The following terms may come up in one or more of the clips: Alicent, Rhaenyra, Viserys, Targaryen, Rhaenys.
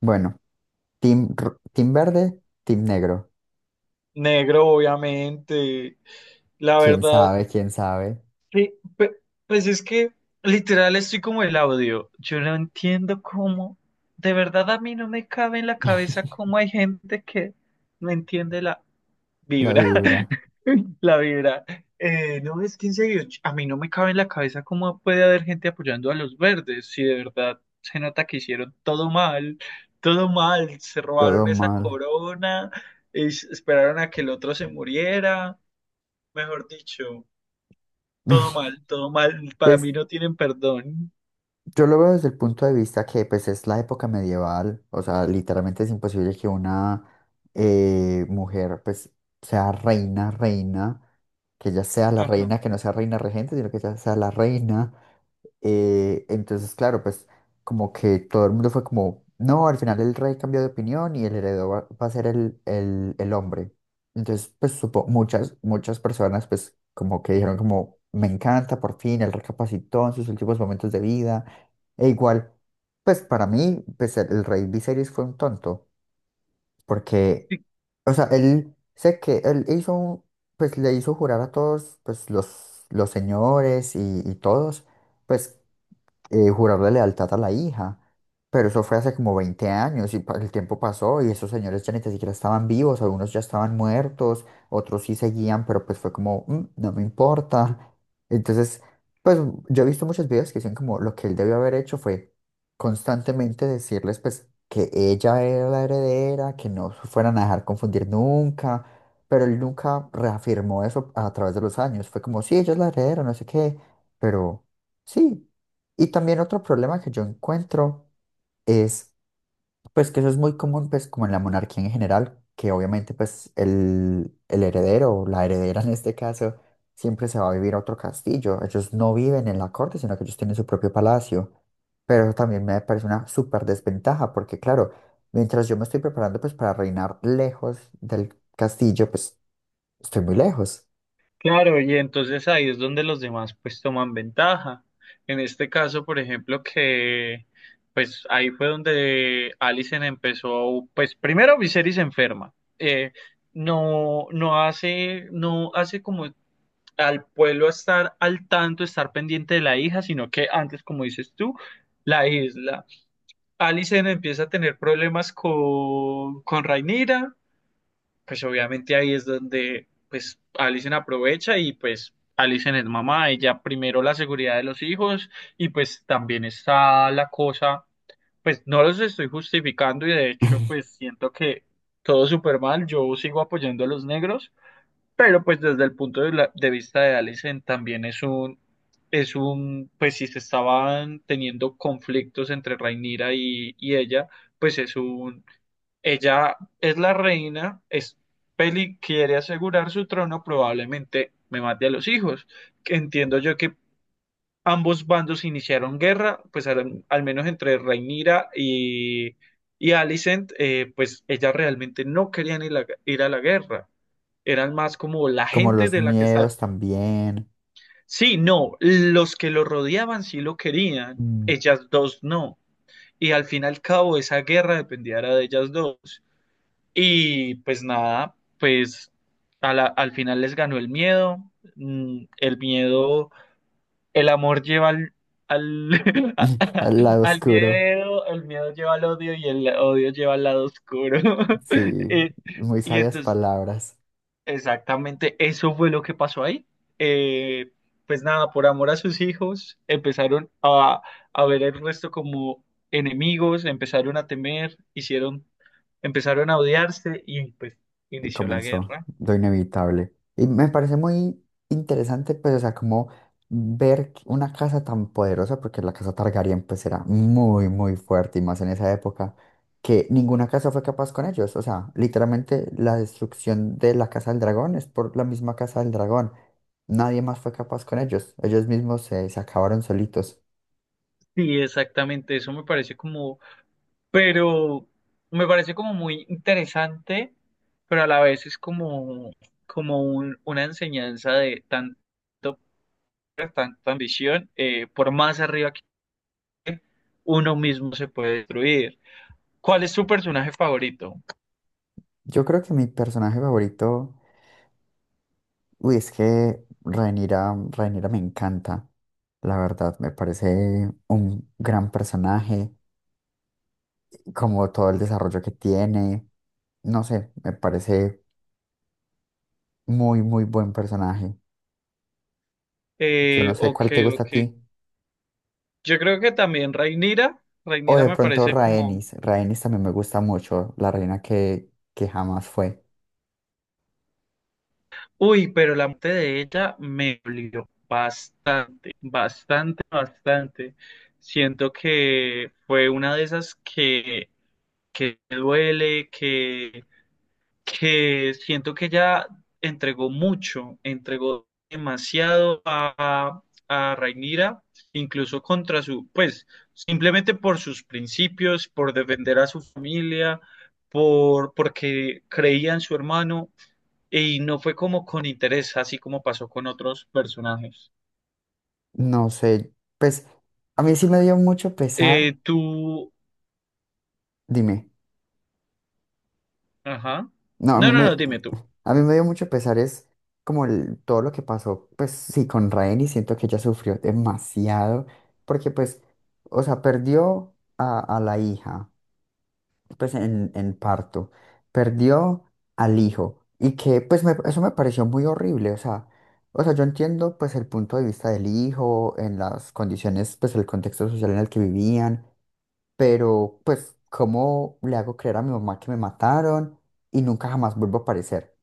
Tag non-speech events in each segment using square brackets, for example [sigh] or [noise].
Bueno, team verde, team negro. Negro, obviamente. La ¿Quién verdad, sabe? ¿Quién sabe? sí, pues es que literal estoy como el audio. Yo no entiendo cómo, de verdad a mí no me cabe en la cabeza [laughs] cómo hay gente que no entiende la La vibra, vibra, [laughs] la vibra. No, es que en serio, a mí no me cabe en la cabeza cómo puede haber gente apoyando a los verdes, si de verdad se nota que hicieron todo mal, se todo robaron esa mal. corona, esperaron a que el otro se muriera. Mejor dicho, todo [laughs] mal, todo mal. Para mí Pues no tienen perdón. yo lo veo desde el punto de vista que pues es la época medieval, o sea, literalmente es imposible que una mujer pues sea reina, reina, que ella sea la Ajá. reina, que no sea reina regente, sino que ella sea la reina. Entonces, claro, pues como que todo el mundo fue como, no, al final el rey cambió de opinión y el heredero va a ser el hombre. Entonces, pues supo, muchas personas pues como que dijeron como, me encanta, por fin, él recapacitó en sus últimos momentos de vida. E igual, pues para mí, pues el rey Viserys fue un tonto, porque, Sí, o sea, él, sé que pues le hizo jurar a todos, pues los señores y todos. Pues jurarle lealtad a la hija. Pero eso fue hace como 20 años y el tiempo pasó y esos señores ya ni tan siquiera estaban vivos, algunos ya estaban muertos, otros sí seguían, pero pues fue como, "Mm, no me importa." Entonces, pues yo he visto muchos videos que dicen como lo que él debió haber hecho fue constantemente decirles pues que ella era la heredera, que no se fueran a dejar confundir nunca, pero él nunca reafirmó eso a través de los años. Fue como, sí, ella es la heredera, no sé qué, pero sí. Y también otro problema que yo encuentro es, pues que eso es muy común, pues como en la monarquía en general, que obviamente pues el heredero, o la heredera en este caso, siempre se va a vivir a otro castillo. Ellos no viven en la corte, sino que ellos tienen su propio palacio. Pero eso también me parece una súper desventaja, porque claro, mientras yo me estoy preparando pues para reinar lejos del castillo, pues estoy muy lejos. claro, y entonces ahí es donde los demás pues toman ventaja. En este caso, por ejemplo, que pues ahí fue donde Alicent empezó, pues primero Viserys se enferma. Eh, no, no hace como al pueblo estar al tanto, estar pendiente de la hija, sino que antes, como dices tú, la isla. Alicent empieza a tener problemas con Rhaenyra, pues obviamente ahí es donde pues Alicent aprovecha y pues Alicent es mamá, ella primero la seguridad de los hijos y pues también está la cosa, pues no los estoy justificando y de hecho pues [laughs] siento que todo súper mal, yo sigo apoyando a los negros, pero pues desde el punto de, de vista de Allison también es un, pues si se estaban teniendo conflictos entre Rhaenyra y ella, pues es un, ella es la reina, es Peli quiere asegurar su trono, probablemente me mate a los hijos. Que entiendo yo que ambos bandos iniciaron guerra, pues al, al menos entre Rhaenyra y Alicent, pues ella realmente no querían ir a ir a la guerra, eran más como la Como gente los de la que estar. miedos también, Sí, no, los que lo rodeaban sí lo querían, mm, ellas dos no. Y al fin y al cabo esa guerra dependía era de ellas dos. Y pues nada, pues a al final les ganó el miedo. Mm, el miedo, el amor lleva al, al, [laughs] a- [laughs] a- al lado al oscuro. miedo, el miedo lleva al odio y el odio lleva al lado oscuro. [laughs] Sí, Eh, muy y sabias entonces palabras. Exactamente, eso fue lo que pasó ahí. Eh, pues nada, por amor a sus hijos, empezaron a ver el resto como enemigos, empezaron a temer, hicieron, empezaron a odiarse y pues Y inició la comenzó guerra. lo inevitable. Y me parece muy interesante, pues, o sea, como ver que una casa tan poderosa, porque la casa Targaryen, pues, era muy, muy fuerte, y más en esa época, que ninguna casa fue capaz con ellos. O sea, literalmente la destrucción de la casa del dragón es por la misma casa del dragón. Nadie más fue capaz con ellos. Ellos mismos se acabaron solitos. Sí, exactamente, eso me parece como, pero me parece como muy interesante, pero a la vez es como, como una enseñanza de tanto, tanta ambición, por más arriba uno mismo se puede destruir. ¿Cuál es tu personaje favorito? Yo creo que mi personaje favorito. Uy, es que Rhaenyra, Rhaenyra me encanta, la verdad, me parece un gran personaje, como todo el desarrollo que tiene, no sé, me parece muy, muy buen personaje. Yo no sé Ok, cuál te gusta a ok. ti. Yo creo que también Rhaenyra. O Rhaenyra de me pronto parece como... Rhaenys, Rhaenys también me gusta mucho, la reina que jamás fue. Uy, pero la muerte de ella me dolió bastante, bastante, bastante. Siento que fue una de esas que duele, que siento que ella entregó mucho, entregó demasiado a Rhaenyra, incluso contra su, pues, simplemente por sus principios, por defender a su familia, por, porque creía en su hermano, y no fue como con interés, así como pasó con otros personajes. No sé, pues a mí sí me dio mucho pesar, Tú, dime. ajá. No, No, no, no, dime tú. a mí me dio mucho pesar, es como todo lo que pasó, pues sí, con Raeni, siento que ella sufrió demasiado, porque pues, o sea, perdió a la hija, pues en parto, perdió al hijo, y que pues eso me pareció muy horrible, o sea, yo entiendo pues el punto de vista del hijo, en las condiciones, pues el contexto social en el que vivían, pero pues, ¿cómo le hago creer a mi mamá que me mataron y nunca jamás vuelvo a aparecer?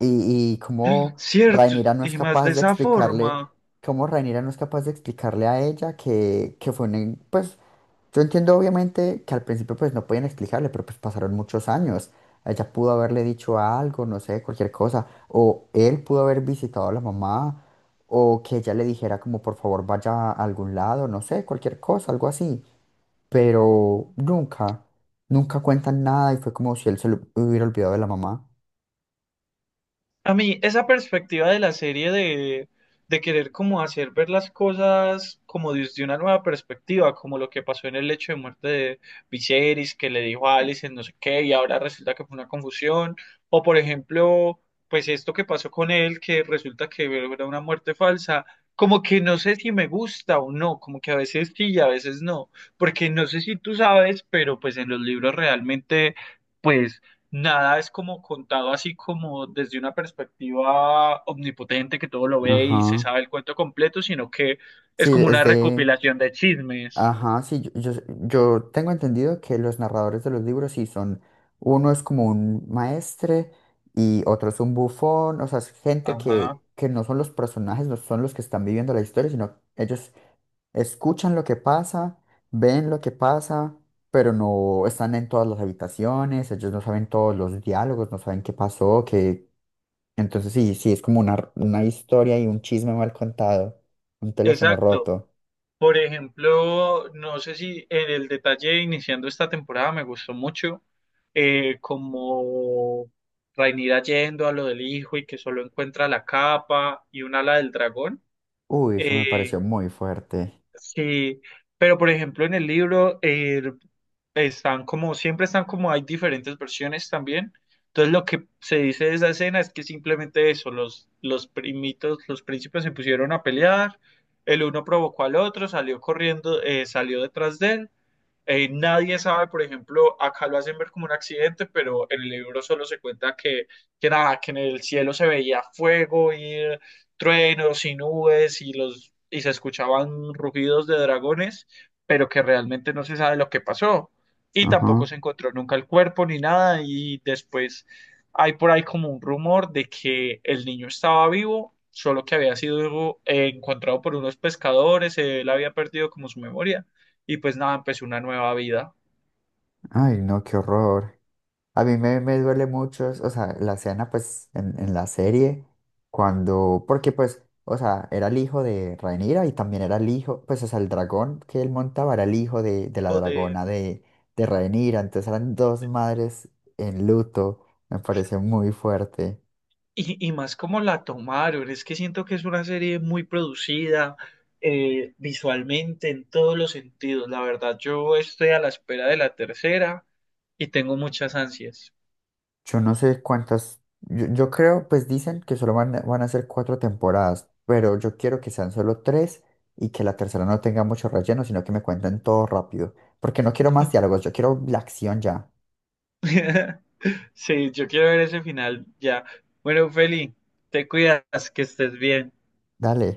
Y cómo Cierto, Rhaenyra no es y más capaz de de esa explicarle, forma. cómo Rhaenyra no es capaz de explicarle a ella que fue un, pues, yo entiendo obviamente que al principio pues no podían explicarle, pero pues pasaron muchos años. Ella pudo haberle dicho algo, no sé, cualquier cosa, o él pudo haber visitado a la mamá, o que ella le dijera como por favor vaya a algún lado, no sé, cualquier cosa, algo así. Pero nunca, nunca cuentan nada y fue como si él se lo hubiera olvidado de la mamá. A mí, esa perspectiva de la serie de querer como hacer ver las cosas como desde una nueva perspectiva, como lo que pasó en el hecho de muerte de Viserys, que le dijo a Alicent no sé qué, y ahora resulta que fue una confusión, o por ejemplo, pues esto que pasó con él, que resulta que era una muerte falsa, como que no sé si me gusta o no, como que a veces sí y a veces no, porque no sé si tú sabes, pero pues en los libros realmente... Pues nada es como contado así como desde una perspectiva omnipotente que todo lo ve y se Ajá. sabe el cuento completo, sino que Sí, es como es una de... recopilación de chismes. Ajá, sí, yo tengo entendido que los narradores de los libros sí son... Uno es como un maestre y otro es un bufón, o sea, es gente Ajá, que no son los personajes, no son los que están viviendo la historia, sino ellos escuchan lo que pasa, ven lo que pasa, pero no están en todas las habitaciones, ellos no saben todos los diálogos, no saben qué pasó, que... Entonces sí, sí, es como una historia y un chisme mal contado, un teléfono exacto. roto. Por ejemplo, no sé si en el detalle iniciando esta temporada me gustó mucho como Rhaenyra yendo a lo del hijo y que solo encuentra la capa y un ala del dragón. Uy, eso me pareció Eh, muy fuerte. Sí, pero por ejemplo en el libro están como, siempre están como, hay diferentes versiones también. Entonces lo que se dice de esa escena es que simplemente eso, los primitos, los príncipes se pusieron a pelear, el uno provocó al otro, salió corriendo, salió detrás de él, nadie sabe, por ejemplo, acá lo hacen ver como un accidente, pero en el libro solo se cuenta que nada, que en el cielo se veía fuego y truenos y nubes y los y se escuchaban rugidos de dragones, pero que realmente no se sabe lo que pasó. Y tampoco Ajá. se encontró nunca el cuerpo ni nada. Y después hay por ahí como un rumor de que el niño estaba vivo, solo que había sido encontrado por unos pescadores, él había perdido como su memoria y pues nada, empezó una nueva vida. Ay, no, qué horror. A mí me, me duele mucho, o sea, la escena, pues, en la serie, cuando, porque, pues, o sea, era el hijo de Rhaenyra y también era el hijo, pues, o sea, el dragón que él montaba era el hijo de la O de, dragona de Rhaenyra, entonces eran dos madres en luto, me pareció muy fuerte. Y más como la tomaron, es que siento que es una serie muy producida visualmente en todos los sentidos. La verdad, yo estoy a la espera de la tercera y tengo muchas ansias. Yo no sé cuántas, yo creo, pues dicen que solo van, van a ser cuatro temporadas, pero yo quiero que sean solo tres y que la tercera no tenga mucho relleno, sino que me cuenten todo rápido, porque no quiero más diálogos, yo quiero la acción ya. [laughs] Sí, yo quiero ver ese final ya. Bueno, Feli, te cuidas, que estés bien. Dale.